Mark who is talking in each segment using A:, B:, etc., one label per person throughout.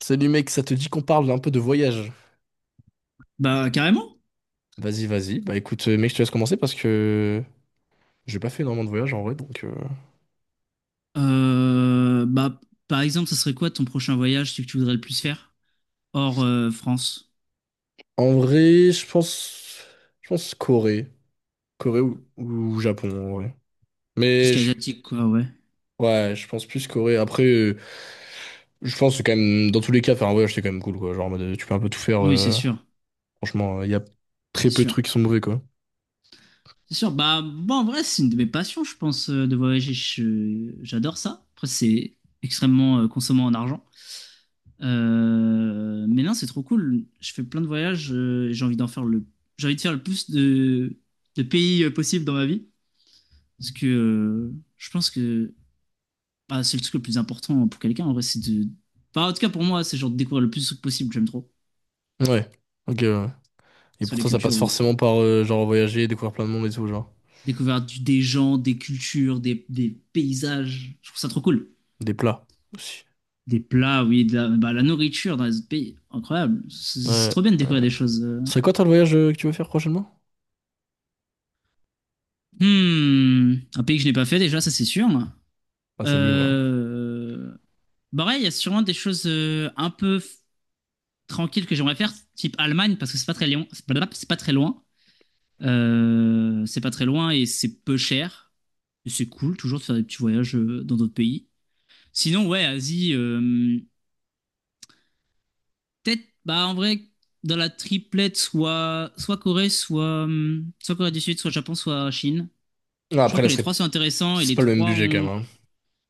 A: Salut mec, ça te dit qu'on parle un peu de voyage?
B: Bah, carrément.
A: Vas-y, vas-y. Bah écoute, mec, je te laisse commencer parce que j'ai pas fait énormément de voyages en vrai, donc.
B: Bah, par exemple, ça serait quoi ton prochain voyage, celui que tu voudrais le plus faire? Hors France.
A: En vrai, je pense. Je pense Corée. Corée ou Japon, en vrai.
B: Tout ce
A: Mais
B: qui est asiatique, quoi, ouais.
A: ouais, je pense plus Corée. Après, je pense que quand même, dans tous les cas, faire un voyage, c'est quand même cool, quoi. Genre, en mode, tu peux un peu tout faire.
B: Oui, c'est sûr.
A: Franchement, il y a très
B: C'est
A: peu de
B: sûr.
A: trucs qui sont mauvais, quoi.
B: C'est sûr. Bah, bon, en vrai, c'est une de mes passions, je pense, de voyager. J'adore ça. Après, c'est extrêmement consommant en argent. Mais non, c'est trop cool. Je fais plein de voyages. J'ai envie de faire le plus de pays possible dans ma vie. Parce que je pense que bah, c'est le truc le plus important pour quelqu'un, en vrai, c'est de. Bah, en tout cas, pour moi, c'est genre de découvrir le plus de trucs possible, j'aime trop.
A: Ouais, ok, ouais. Et
B: Sur
A: pour
B: les
A: toi, ça
B: cultures
A: passe forcément
B: ou
A: par, genre, voyager, découvrir plein de monde et tout, genre.
B: découvrir des gens, des cultures, des paysages. Je trouve ça trop cool.
A: Des plats aussi.
B: Des plats, oui, bah, la nourriture dans les autres pays, incroyable. C'est
A: Ouais.
B: trop bien de découvrir des choses.
A: C'est quoi toi le voyage que tu veux faire prochainement?
B: Hmm, un pays que je n'ai pas fait déjà, ça c'est sûr.
A: Ah, c'est mieux, voilà.
B: Euh... Bah ouais, il y a sûrement des choses un peu tranquilles que j'aimerais faire, type Allemagne, parce que c'est pas très loin. C'est pas très loin. C'est pas très loin et c'est peu cher. Et c'est cool toujours de faire des petits voyages dans d'autres pays. Sinon, ouais, Asie, peut-être, bah en vrai, dans la triplette, soit Corée, soit, soit Corée du Sud, soit Japon, soit Chine.
A: Non,
B: Je trouve
A: après,
B: que
A: là, ce
B: les
A: serait.
B: trois sont intéressants et
A: C'est
B: les
A: pas le même
B: trois
A: budget quand
B: ont.
A: même, hein.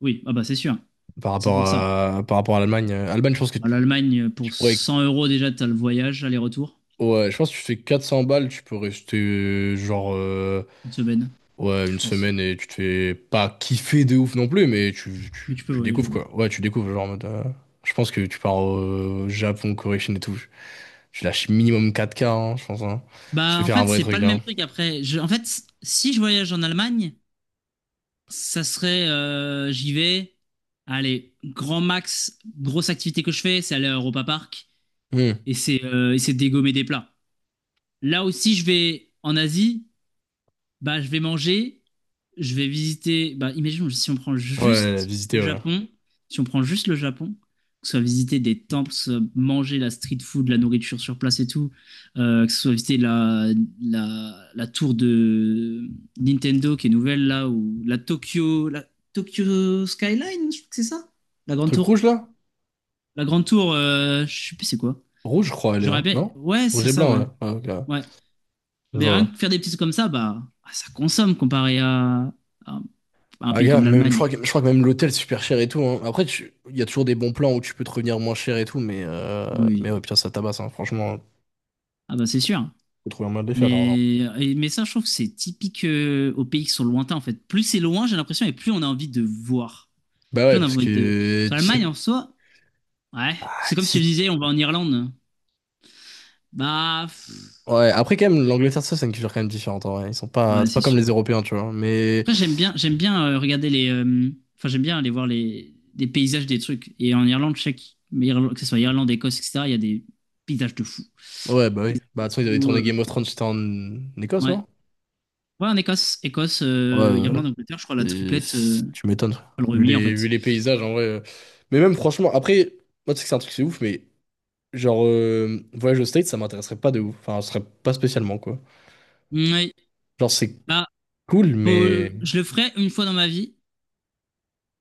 B: Oui, ah bah c'est sûr, c'est pour ça.
A: Par rapport à l'Allemagne. Allemagne, je pense que
B: Bah,
A: tu,
B: l'Allemagne, pour
A: tu pourrais.
B: 100 € déjà, t'as le voyage, aller-retour,
A: Ouais, je pense que tu fais 400 balles, tu peux rester genre
B: une semaine,
A: ouais,
B: je
A: une
B: pense.
A: semaine et tu te fais pas kiffer de ouf non plus, mais tu, tu,
B: Mais tu peux
A: tu
B: voyager,
A: découvres
B: ouais.
A: quoi. Ouais, tu découvres genre en mode, je pense que tu pars au Japon, Corée, Chine et tout. Tu lâches minimum 4K, hein, je pense. Hein. Tu
B: Bah
A: fais
B: en
A: faire un
B: fait,
A: vrai
B: c'est pas
A: truc,
B: le même
A: hein.
B: truc après. En fait, si je voyage en Allemagne, ça serait, j'y vais. Allez, grand max, grosse activité que je fais, c'est aller à Europa Park
A: Hmm.
B: et c'est dégommer des plats. Là aussi, je vais en Asie bah, je vais manger, je vais visiter. Bah, imaginons si on prend
A: Ouais,
B: juste
A: visiter,
B: le
A: ouais.
B: Japon, si on prend juste le Japon, que ce soit visiter des temples, que ce soit manger la street food, la nourriture sur place et tout, que ce soit visiter la tour de Nintendo qui est nouvelle là, ou la Tokyo Skyline, je crois que c'est ça? La grande
A: Truc
B: tour.
A: rouge là?
B: La grande tour, je sais plus c'est quoi.
A: Rouge, je crois, elle est,
B: J'aurais
A: hein,
B: bien.
A: non?
B: Ouais,
A: Rouge
B: c'est
A: et
B: ça,
A: blanc,
B: ouais.
A: ouais. Ah, ok.
B: Ouais.
A: Je
B: Mais
A: vois,
B: rien
A: ouais.
B: que faire des petits trucs comme ça, bah, ah, ça consomme comparé à un à un
A: Ah,
B: pays
A: gars,
B: comme
A: même,
B: l'Allemagne.
A: je crois que même l'hôtel, c'est super cher et tout, hein. Après, il y a toujours des bons plans où tu peux te revenir moins cher et tout, mais ouais,
B: Oui.
A: putain, ça tabasse, hein. Franchement,
B: Ah bah c'est sûr.
A: faut trouver un moyen de les faire, l'argent.
B: Mais ça, je trouve que c'est typique aux pays qui sont lointains, en fait. Plus c'est loin, j'ai l'impression, et plus on a envie de voir.
A: Bah
B: Plus
A: ouais,
B: on a
A: parce
B: envie de.
A: que
B: Sur
A: tu
B: l'Allemagne,
A: sais.
B: en soi, ouais.
A: ah,
B: C'est
A: tu
B: comme si je
A: sais-
B: disais, on va en Irlande. Bah, pff,
A: Ouais, après, quand même, l'Angleterre, ça, c'est une culture quand même différente, en vrai. Ils sont pas.
B: ouais,
A: C'est
B: c'est
A: pas comme
B: sûr.
A: les Européens, tu vois. Mais.
B: Après, j'aime bien regarder les. Enfin, j'aime bien aller voir des paysages des trucs. Et en Irlande, je sais que, que ce soit Irlande, Écosse, etc., il y a des paysages de fou.
A: Ouais, bah oui.
B: Paysages
A: Bah,
B: de
A: de toute façon, ils avaient
B: fou.
A: tourné
B: euh,
A: Game of Thrones, c'était en Écosse,
B: ouais.
A: non?
B: Ouais, en Écosse,
A: Ouais, ouais,
B: Irlande, Angleterre, je crois la
A: ouais. Et
B: triplette,
A: c'est, tu m'étonnes.
B: enfin, le Royaume-Uni en
A: Vu
B: fait.
A: les paysages, en vrai. Mais même, franchement, après, moi, tu sais que c'est un truc, c'est ouf, mais genre, voyage au States, ça m'intéresserait pas de ouf. Enfin, ce serait pas spécialement, quoi.
B: Ouais.
A: Genre, c'est
B: Bah,
A: cool, mais.
B: je le ferai une fois dans ma vie.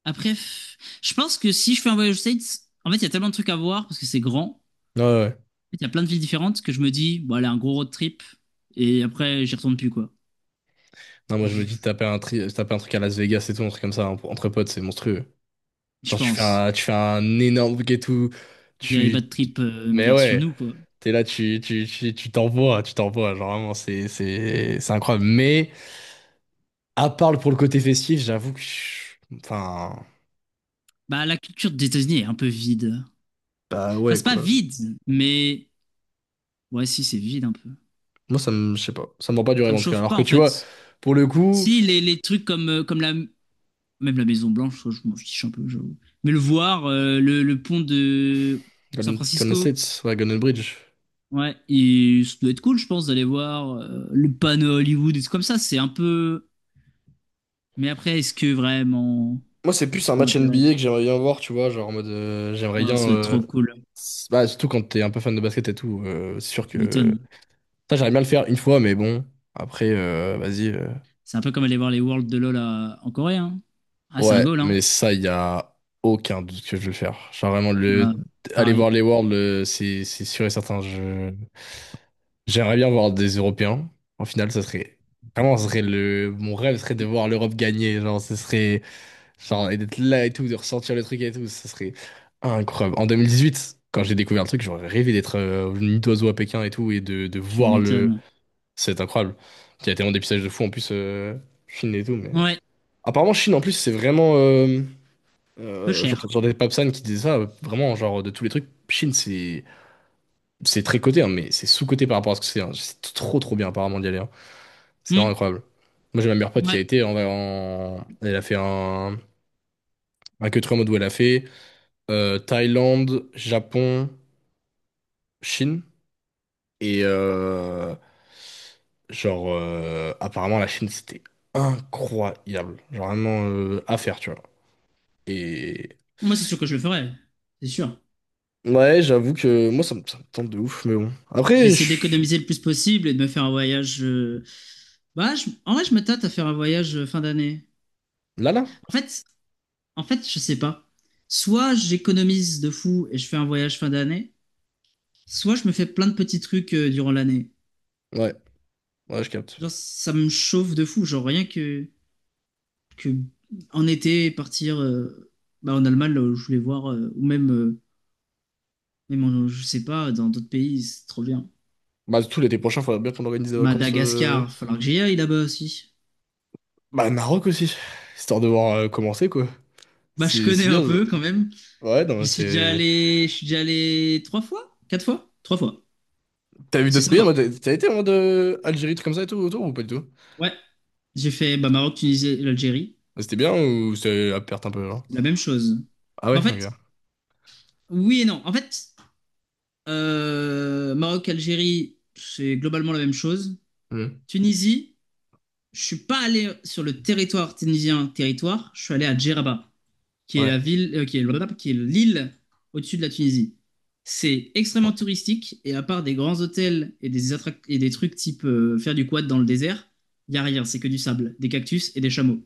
B: Après, je pense que si je fais un voyage aux States, en fait, il y a tellement de trucs à voir parce que c'est grand. En
A: Ouais, ouais.
B: fait, il y a plein de villes différentes que je me dis, bon, allez, un gros road trip. Et après, j'y retourne plus, quoi.
A: Non, moi, je me dis,
B: Je-
A: taper un truc à Las Vegas et tout, un truc comme ça, entre potes, c'est monstrueux.
B: je
A: Genre,
B: pense.
A: tu fais un énorme bouquet tout.
B: Very
A: Tu.
B: bad trip
A: Mais
B: version
A: ouais,
B: nous, quoi.
A: t'es là, tu t'envoies, tu t'envoies. Genre, vraiment, c'est incroyable. Mais. À part le pour le côté festif, j'avoue que. Enfin.
B: Bah, la culture des États-Unis est un peu vide.
A: Bah
B: Enfin,
A: ouais,
B: c'est pas
A: quoi.
B: vide, mais ouais, si, c'est vide un peu.
A: Moi, ça me. Je sais pas. Ça me vend pas du
B: Ça
A: rêve,
B: me
A: en tout cas.
B: chauffe
A: Alors
B: pas,
A: que
B: en
A: tu vois,
B: fait.
A: pour le coup.
B: Si, les trucs comme, comme la. Même la Maison Blanche, je m'en fiche un peu, j'avoue. Mais le voir, le pont de San
A: Golden, Golden
B: Francisco,
A: States, ouais, Golden Bridge.
B: ouais, et ça doit être cool, je pense, d'aller voir le panneau Hollywood et tout comme ça, c'est un peu. Mais après, est-ce que vraiment
A: Moi, c'est plus un
B: ça
A: match
B: m'intéresse?
A: NBA que
B: Tu
A: j'aimerais bien voir, tu vois. Genre en mode. J'aimerais
B: vois? Ah,
A: bien.
B: ça doit être trop cool,
A: Bah, surtout quand t'es un peu fan de basket et tout, c'est sûr
B: tu
A: que.
B: m'étonnes.
A: Ça, j'aimerais bien le faire une fois, mais bon. Après, vas-y.
B: C'est un peu comme aller voir les Worlds de LoL en Corée. Hein. Ah, c'est un
A: Ouais,
B: goal. Hein.
A: mais ça, il y a aucun doute que je vais le faire. Genre vraiment,
B: Euh,
A: le. Aller voir
B: pareil,
A: les Worlds, c'est sûr et certain. Je J'aimerais bien voir des Européens. En finale, ça serait vraiment, ça serait le mon rêve serait de voir l'Europe gagner. Genre, ce serait genre et d'être là et tout, de ressentir le truc et tout, ça serait incroyable. En 2018, quand j'ai découvert le truc, j'aurais rêvé d'être au nid d'oiseau à Pékin et tout et de
B: tu
A: voir le.
B: m'étonnes.
A: C'est incroyable. Il y a tellement d'épisodes de fou en plus Chine et tout, mais
B: Ouais,
A: apparemment Chine en plus c'est vraiment.
B: peu cher.
A: J'entendais Papsan qui disait ça, vraiment, genre de tous les trucs, Chine c'est très coté, hein, mais c'est sous-coté par rapport à ce que c'est, hein. C'est trop trop bien apparemment d'y aller, hein. C'est vraiment
B: Hmm.
A: incroyable. Moi, j'ai ma meilleure pote qui a
B: Ouais,
A: été Elle a fait un. Un que trois modes où elle a fait Thaïlande, Japon, Chine. Et genre, apparemment, la Chine, c'était incroyable. Genre, vraiment à faire, tu vois. Et
B: moi, c'est sûr que je le ferai. C'est sûr.
A: ouais, j'avoue que moi, ça me tente de ouf, mais bon.
B: Je vais
A: Après,
B: essayer d'économiser le plus possible et de me faire un voyage. Bah, en vrai, je me tâte à faire un voyage fin d'année.
A: là, là.
B: En fait, en fait, je sais pas. Soit j'économise de fou et je fais un voyage fin d'année, soit je me fais plein de petits trucs durant l'année.
A: Ouais, ouais, je capte.
B: Genre, ça me chauffe de fou. Genre, rien que en été, partir bah, en Allemagne, là où je voulais voir, ou même, même je sais pas, dans d'autres pays, c'est trop bien.
A: Bah, tout l'été prochain, faudrait bien qu'on organise des vacances.
B: Madagascar, falloir que j'y aille là-bas aussi.
A: Bah, Maroc aussi. Histoire de voir commencer, quoi.
B: Bah, je
A: C'est
B: connais un
A: bien.
B: peu quand même.
A: Ouais,
B: Je
A: non,
B: suis déjà
A: c'est.
B: allé, je suis déjà allé trois fois, quatre fois, trois fois.
A: T'as vu
B: C'est
A: d'autres pays en
B: sympa.
A: mode. T'as été en mode Algérie, truc comme ça et tout autour ou pas du tout?
B: Ouais, j'ai fait bah, Maroc, Tunisie, et l'Algérie,
A: C'était bien ou c'est à perte un peu, genre?
B: la même chose.
A: Ah
B: Bah,
A: ouais,
B: en
A: ok.
B: fait, oui et non. En fait, Maroc, Algérie, c'est globalement la même chose.
A: Hmm.
B: Tunisie. Je suis pas allé sur le territoire tunisien, je suis allé à Djeraba, qui est la
A: Ouais.
B: ville, qui est blablabla, qui est l'île au-dessus de la Tunisie. C'est extrêmement touristique et à part des grands hôtels et et des trucs type faire du quad dans le désert, il y a rien, c'est que du sable, des cactus et des chameaux.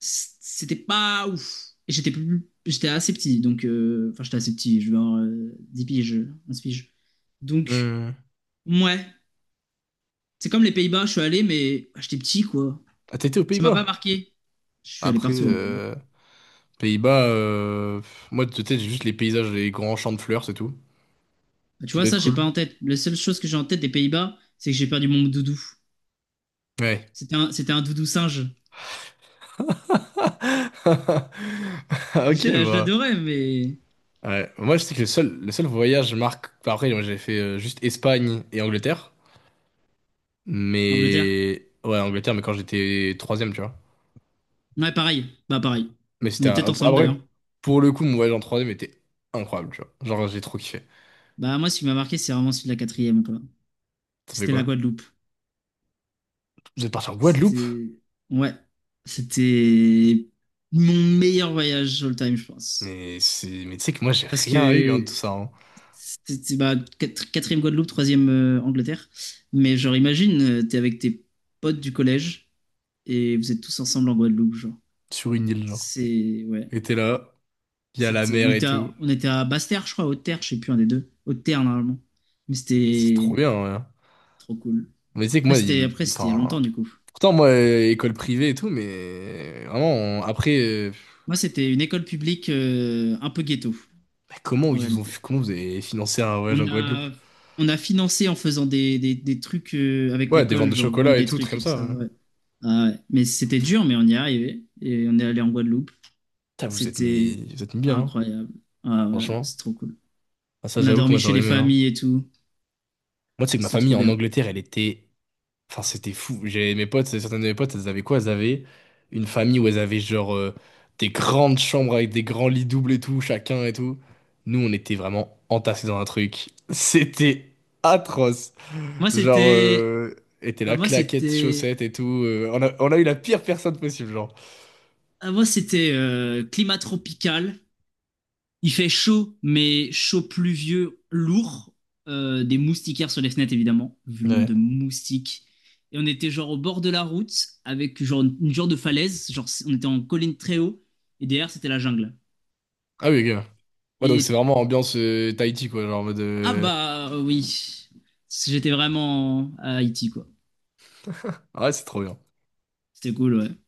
B: C'était pas ouf. Et j'étais plus, j'étais assez petit, donc enfin j'étais assez petit, je vais avoir 10 piges, 11 piges. Donc
A: Hmm.
B: ouais, c'est comme les Pays-Bas, je suis allé mais bah, j'étais petit quoi.
A: Ah, t'as été aux
B: Ça m'a pas
A: Pays-Bas?
B: marqué. Je suis allé
A: Après,
B: partout, hein.
A: Pays-Bas, pff, moi, de tête, j'ai juste les paysages, les grands champs de fleurs, c'est tout.
B: Bah, tu
A: Qui
B: vois,
A: doit être
B: ça, j'ai
A: cool.
B: pas en tête. La seule chose que j'ai en tête des Pays-Bas, c'est que j'ai perdu mon doudou.
A: Ouais.
B: C'était un doudou singe.
A: Ok,
B: Je
A: bah.
B: l'adorais, mais.
A: Ouais. Moi, je sais que le seul voyage marque. Enfin, après, moi, j'avais fait juste Espagne et Angleterre.
B: Angleterre?
A: Mais. Ouais, Angleterre, mais quand j'étais troisième, tu vois.
B: Ouais, pareil. Bah, pareil.
A: Mais
B: On
A: c'était
B: est
A: un.
B: peut-être ensemble
A: Après,
B: d'ailleurs.
A: pour le coup, mon voyage en 3e était incroyable, tu vois. Genre, j'ai trop kiffé.
B: Bah, moi, ce qui m'a marqué, c'est vraiment celui de la quatrième, quoi.
A: Ça fait
B: C'était la
A: quoi?
B: Guadeloupe.
A: Vous êtes parti en Guadeloupe?
B: C'était. Ouais. C'était mon meilleur voyage all time, je pense.
A: Mais c'est. Mais tu sais que moi, j'ai
B: Parce
A: rien eu, hein, de tout
B: que
A: ça, hein.
B: c'était bah, quatrième Guadeloupe, troisième Angleterre. Mais genre, imagine, t'es avec tes potes du collège et vous êtes tous ensemble en Guadeloupe, genre.
A: Sur une île, genre.
B: C'est ouais,
A: Et t'es là, il y a la
B: c'était. On
A: mer et
B: était à,
A: tout.
B: on était à Basse-Terre, je crois, Haute-Terre, je sais plus un des deux. Haute-Terre normalement. Mais
A: C'est trop
B: c'était
A: bien, hein.
B: trop cool.
A: Mais tu sais que
B: Après
A: moi,
B: c'était après c'était il y a longtemps
A: enfin.
B: du coup.
A: Pourtant, moi, école privée et tout, mais. Vraiment, après.
B: Moi c'était une école publique un peu ghetto
A: Bah,
B: en réalité.
A: Comment vous avez financé un voyage en
B: On
A: Guadeloupe?
B: a on a financé en faisant des trucs avec
A: Ouais, des ventes
B: l'école,
A: de
B: genre vendre
A: chocolat et
B: des
A: tout, trucs
B: trucs
A: comme
B: et tout
A: ça,
B: ça,
A: ouais.
B: ouais. Ah ouais. Mais c'était dur, mais on y est arrivé. Et on est allé en Guadeloupe.
A: Putain, vous êtes
B: C'était
A: mis. Vous êtes mis bien, hein.
B: incroyable. Ah ouais,
A: Franchement.
B: c'est trop cool.
A: Ah, ça,
B: On a
A: j'avoue que moi,
B: dormi chez
A: j'aurais
B: les
A: aimé, hein.
B: familles et tout.
A: Moi, tu sais que ma
B: C'est
A: famille
B: trop
A: en
B: bien.
A: Angleterre, elle était. Enfin, c'était fou. J'avais mes potes, certaines de mes potes, elles avaient quoi? Elles avaient une famille où elles avaient genre des grandes chambres avec des grands lits doubles et tout, chacun et tout. Nous, on était vraiment entassés dans un truc. C'était atroce.
B: Moi,
A: Genre,
B: c'était.
A: était
B: Bah,
A: là,
B: moi,
A: claquettes,
B: c'était.
A: chaussettes et tout. On a eu la pire personne possible, genre.
B: Ah, moi, c'était climat tropical. Il fait chaud, mais chaud pluvieux, lourd. Des moustiquaires sur les fenêtres, évidemment, vu le nombre de
A: Ouais.
B: moustiques. Et on était genre au bord de la route, avec genre une genre de falaise. Genre, on était en colline très haut. Et derrière, c'était la jungle.
A: Ah oui, gars. Ouais, donc c'est
B: Et
A: vraiment ambiance Tahiti, quoi. Genre en mode.
B: ah bah oui, j'étais vraiment à Haïti, quoi.
A: Ouais, c'est trop bien.
B: C'était cool, ouais.